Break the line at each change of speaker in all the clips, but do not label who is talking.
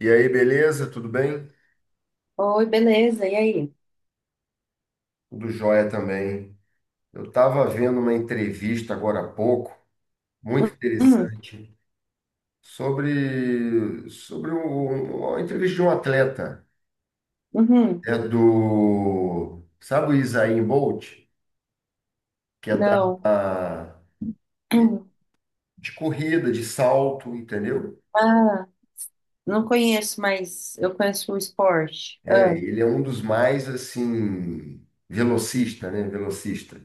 E aí, beleza? Tudo bem?
Oi, beleza, e aí?
Tudo jóia também. Eu estava vendo uma entrevista agora há pouco, muito
Uhum,
interessante, sobre uma entrevista de um atleta.
uhum,
É do, sabe o Usain Bolt? Que é da,
não.
a- que,
Uhum.
de corrida, de salto, entendeu?
Ah, não conheço, mas eu conheço o esporte.
É,
Ah,
ele é um dos mais, assim, velocista, né? Velocista.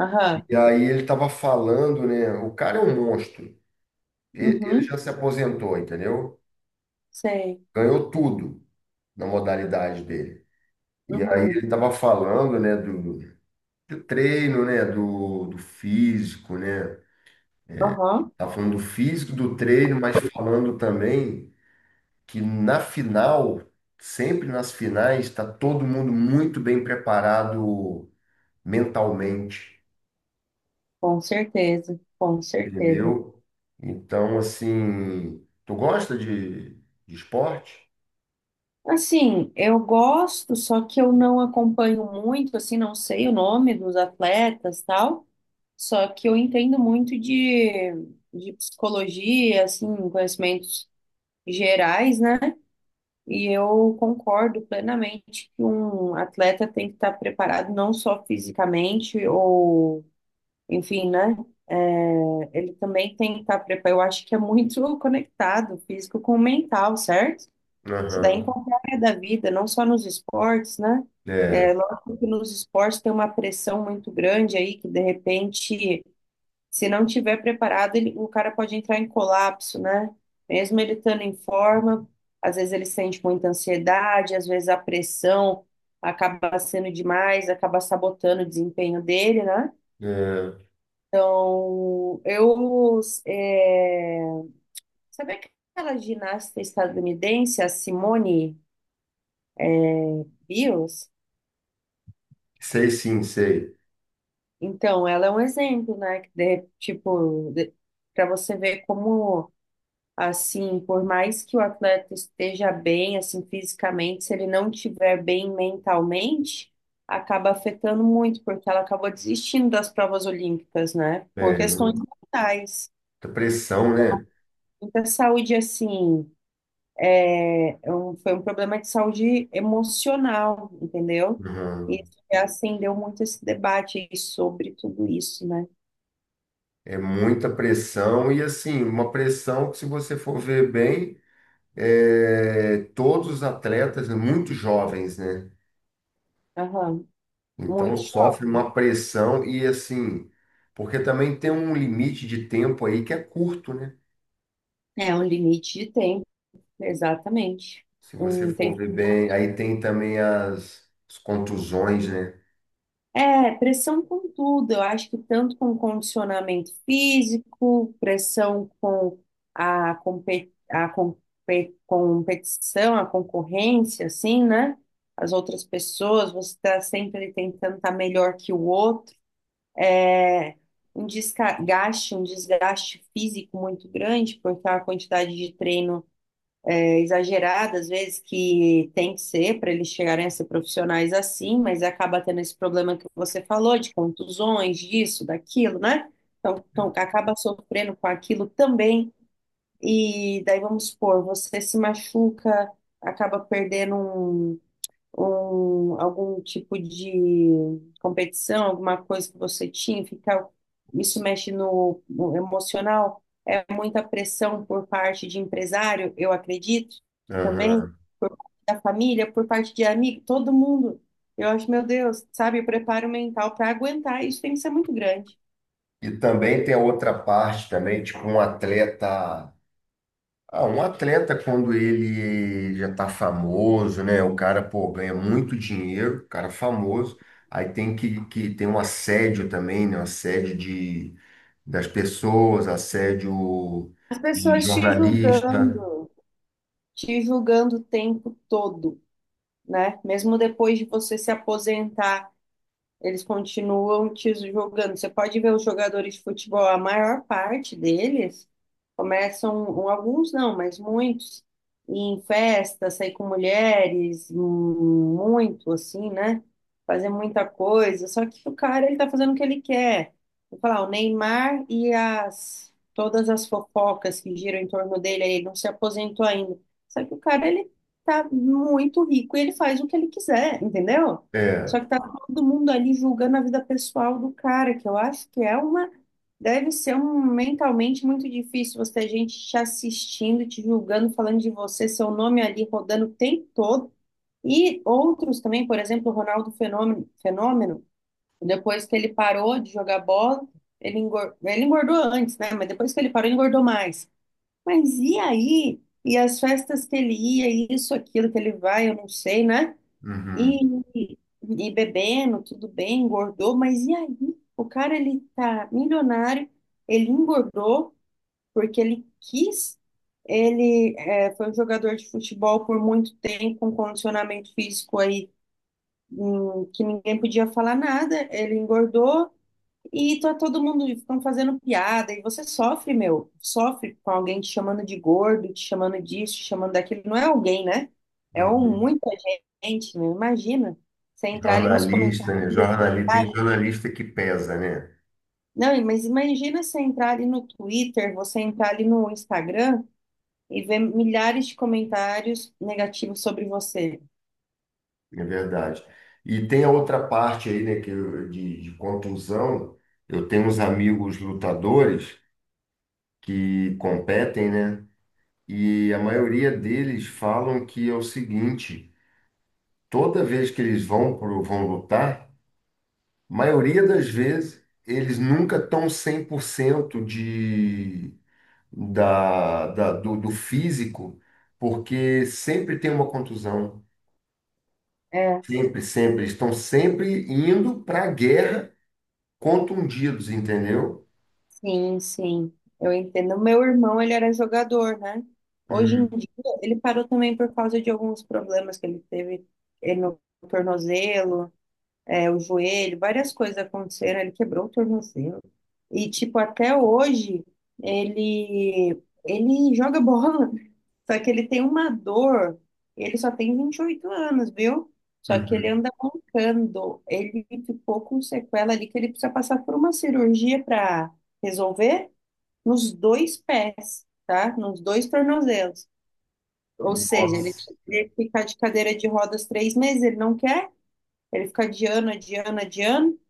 aham,
E aí ele estava falando, né? O cara é um monstro. Ele
uhum,
já se aposentou, entendeu?
sei.
Ganhou tudo na modalidade dele. E aí ele
Uhum,
estava falando, né, do treino, né, do físico, né?
aham,
Tava falando do físico, do treino, mas falando também que na final, sempre nas finais, está todo mundo muito bem preparado mentalmente,
com certeza, com certeza.
entendeu? Então, assim, tu gosta de esporte?
Assim, eu gosto, só que eu não acompanho muito, assim, não sei o nome dos atletas, tal. Só que eu entendo muito de psicologia, assim, conhecimentos gerais, né? E eu concordo plenamente que um atleta tem que estar preparado não só fisicamente ou, enfim, né? Ele também tem que estar preparado. Eu acho que é muito conectado, físico com o mental, certo? Isso daí em
Aham.
qualquer área da vida, não só nos esportes, né?
É,
É, lógico que nos esportes tem uma pressão muito grande aí, que de repente se não tiver preparado, o cara pode entrar em colapso, né? Mesmo ele estando em forma, às vezes ele sente muita ansiedade, às vezes a pressão acaba sendo demais, acaba sabotando o desempenho dele, né?
é,
Então, eu. É... Sabe aquela ginasta estadunidense, a Simone Biles?
sei sim, sei.
Então, ela é um exemplo, né? Para você ver como. Assim, por mais que o atleta esteja bem, assim, fisicamente, se ele não estiver bem mentalmente, acaba afetando muito, porque ela acabou desistindo das provas olímpicas, né? Por
É,
questões mentais.
muita pressão, né?
Muita saúde, assim, foi um problema de saúde emocional, entendeu? E
Uhum.
isso que acendeu muito esse debate aí sobre tudo isso, né?
É muita pressão e assim, uma pressão que se você for ver bem, é, todos os atletas, né, muito jovens, né?
Aham,
Então
muito jovem.
sofre uma pressão e assim, porque também tem um limite de tempo aí que é curto, né?
É um limite de tempo, exatamente.
Se você
Um
for
tempo.
ver bem, aí tem também as contusões, né?
É, pressão com tudo. Eu acho que tanto com condicionamento físico, pressão com a, competição, a concorrência, assim, né? As outras pessoas, você está sempre tentando estar melhor que o outro. É. Um desgaste físico muito grande, porque a quantidade de treino exagerada, às vezes, que tem que ser para eles chegarem a ser profissionais assim, mas acaba tendo esse problema que você falou, de contusões, disso, daquilo, né? Então acaba sofrendo com aquilo também. E daí, vamos supor, você se machuca, acaba perdendo algum tipo de competição, alguma coisa que você tinha, ficar, isso mexe no emocional, é muita pressão por parte de empresário, eu acredito, também,
Aham.
por parte da família, por parte de amigo, todo mundo. Eu acho, meu Deus, sabe, o preparo mental para aguentar isso tem que ser muito grande.
E também tem a outra parte também, tipo um atleta. Ah, um atleta, quando ele já tá famoso, né? O cara, pô, ganha muito dinheiro, o cara famoso, aí tem que tem um assédio também, né? Um assédio de, das pessoas, assédio
As
de
pessoas
jornalista.
te julgando o tempo todo, né? Mesmo depois de você se aposentar, eles continuam te jogando. Você pode ver os jogadores de futebol, a maior parte deles começam, um, alguns não, mas muitos, em festa, sair com mulheres, muito assim, né? Fazer muita coisa. Só que o cara, ele tá fazendo o que ele quer. Vou falar, o Neymar e as todas as fofocas que giram em torno dele, aí, ele não se aposentou ainda. Só que o cara, ele tá muito rico e ele faz o que ele quiser, entendeu? Só
É,
que tá todo mundo ali julgando a vida pessoal do cara, que eu acho que é uma. Deve ser um mentalmente muito difícil você ter gente te assistindo, te julgando, falando de você, seu nome ali rodando o tempo todo. E outros também, por exemplo, o Ronaldo Fenômeno, depois que ele parou de jogar bola, ele engordou antes, né? Mas depois que ele parou, ele engordou mais. Mas e aí? E as festas que ele ia, e isso, aquilo que ele vai, eu não sei, né?
uhum,
E, e bebendo, tudo bem, engordou, mas e aí? O cara, ele tá milionário, ele engordou porque ele quis, ele é, foi um jogador de futebol por muito tempo, com condicionamento físico aí, que ninguém podia falar nada, ele engordou, e tá todo mundo ficam fazendo piada, e você sofre, meu, sofre com alguém te chamando de gordo, te chamando disso, te chamando daquilo. Não é alguém, né? É um,
uhum.
muita gente, meu. Imagina você entrar ali nos
Jornalista,
comentários.
né? Jornalista, tem jornalista que pesa, né?
Não, mas imagina você entrar ali no Twitter, você entrar ali no Instagram e ver milhares de comentários negativos sobre você.
É verdade. E tem a outra parte aí, né, de contusão. Eu tenho uns amigos lutadores que competem, né? E a maioria deles falam que é o seguinte: toda vez que eles vão vão lutar, a maioria das vezes eles nunca estão 100% de, do físico, porque sempre tem uma contusão.
É.
Sempre, sempre. Eles estão sempre indo para a guerra contundidos, entendeu?
Sim, eu entendo. O meu irmão, ele era jogador, né? Hoje em
Hum,
dia, ele parou também por causa de alguns problemas que ele teve, no tornozelo, é, o joelho, várias coisas aconteceram, ele quebrou o tornozelo. E, tipo, até hoje, ele joga bola, só que ele tem uma dor, ele só tem 28 anos, viu? Só que ele
uhum.
anda mancando, ele ficou com sequela ali que ele precisa passar por uma cirurgia para resolver nos dois pés, tá? Nos dois tornozelos. Ou seja, ele
Nossa.
teria que ficar de cadeira de rodas 3 meses, ele não quer, ele fica adiando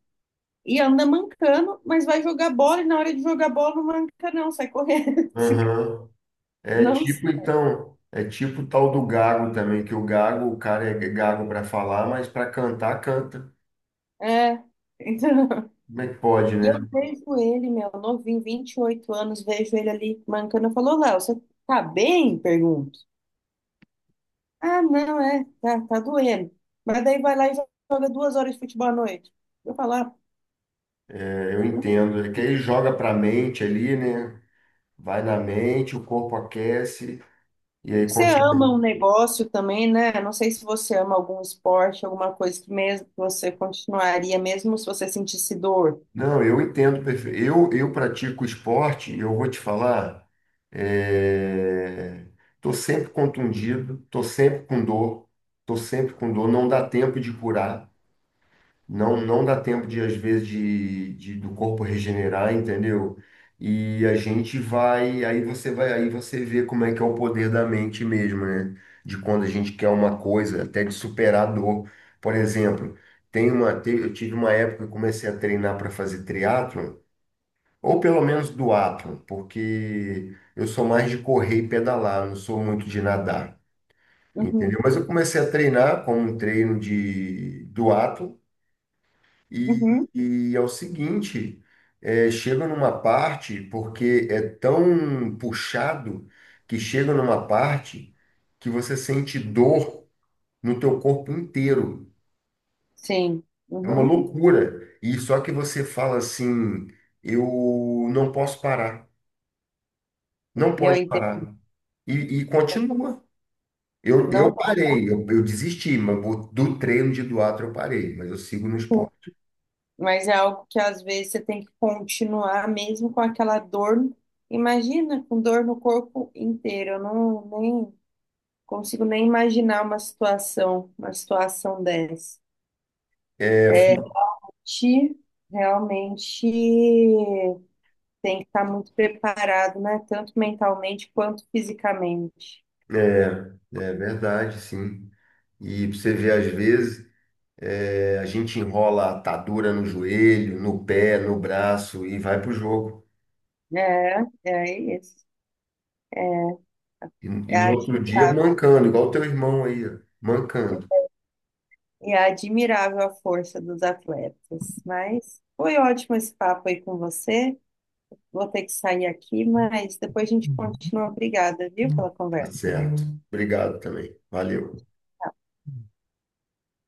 e anda mancando, mas vai jogar bola e na hora de jogar bola não manca, não, sai correndo.
Aham. É
Não,
tipo, então, é tipo o tal do gago também, que o gago, o cara é gago para falar, mas para cantar, canta.
é. Então,
Como é que pode,
e eu
né?
vejo ele, meu, novinho, 28 anos, vejo ele ali mancando. Eu falo, "Ô, Léo, você tá bem?" Pergunto. Ah, não, é, tá, tá doendo. Mas daí vai lá e joga 2 horas de futebol à noite. Eu falo, "Ah,
É, eu entendo. É que ele joga para a mente ali, né? Vai na mente, o corpo aquece e aí
você ama
consegue.
um negócio também, né? Não sei se você ama algum esporte, alguma coisa que mesmo que você continuaria, mesmo se você sentisse dor."
Não, eu entendo perfeito. Eu pratico esporte, e eu vou te falar, é... Tô sempre contundido, tô sempre com dor, tô sempre com dor, não dá tempo de curar. Não, não dá tempo de, às vezes, do corpo regenerar, entendeu? E a gente vai, aí você vê como é que é o poder da mente mesmo, né? De quando a gente quer uma coisa, até de superar a dor. Por exemplo, tem eu tive uma época que eu comecei a treinar para fazer triatlo, ou pelo menos duatlo, porque eu sou mais de correr e pedalar, não sou muito de nadar,
Uhum,
entendeu? Mas eu comecei a treinar como um treino de duatlo e,
uhum.
e é o seguinte, é, chega numa parte, porque é tão puxado, que chega numa parte que você sente dor no teu corpo inteiro.
Sim,
É uma
uhum,
loucura. E só que você fala assim, eu não posso parar, não
eu
pode
entendo.
parar. E, e continua. Eu
Não tá
parei, eu desisti, mas do treino de Duatro eu parei, mas eu sigo no
ruim,
esporte.
mas é algo que às vezes você tem que continuar mesmo com aquela dor. Imagina, com dor no corpo inteiro. Eu nem consigo nem imaginar uma situação dessa.
É, fu-
Te realmente tem que estar muito preparado, né? Tanto mentalmente quanto fisicamente.
é é verdade, sim. E pra você vê, às vezes, é, a gente enrola a atadura no joelho, no pé, no braço e vai pro jogo.
É, é isso.
E
É
no outro dia
admirável.
mancando, igual o teu irmão aí, ó, mancando.
E é admirável a força dos atletas. Mas foi ótimo esse papo aí com você. Vou ter que sair aqui, mas depois a gente continua. Obrigada, viu,
Uhum.
pela
Tá
conversa.
certo. Obrigado também. Valeu.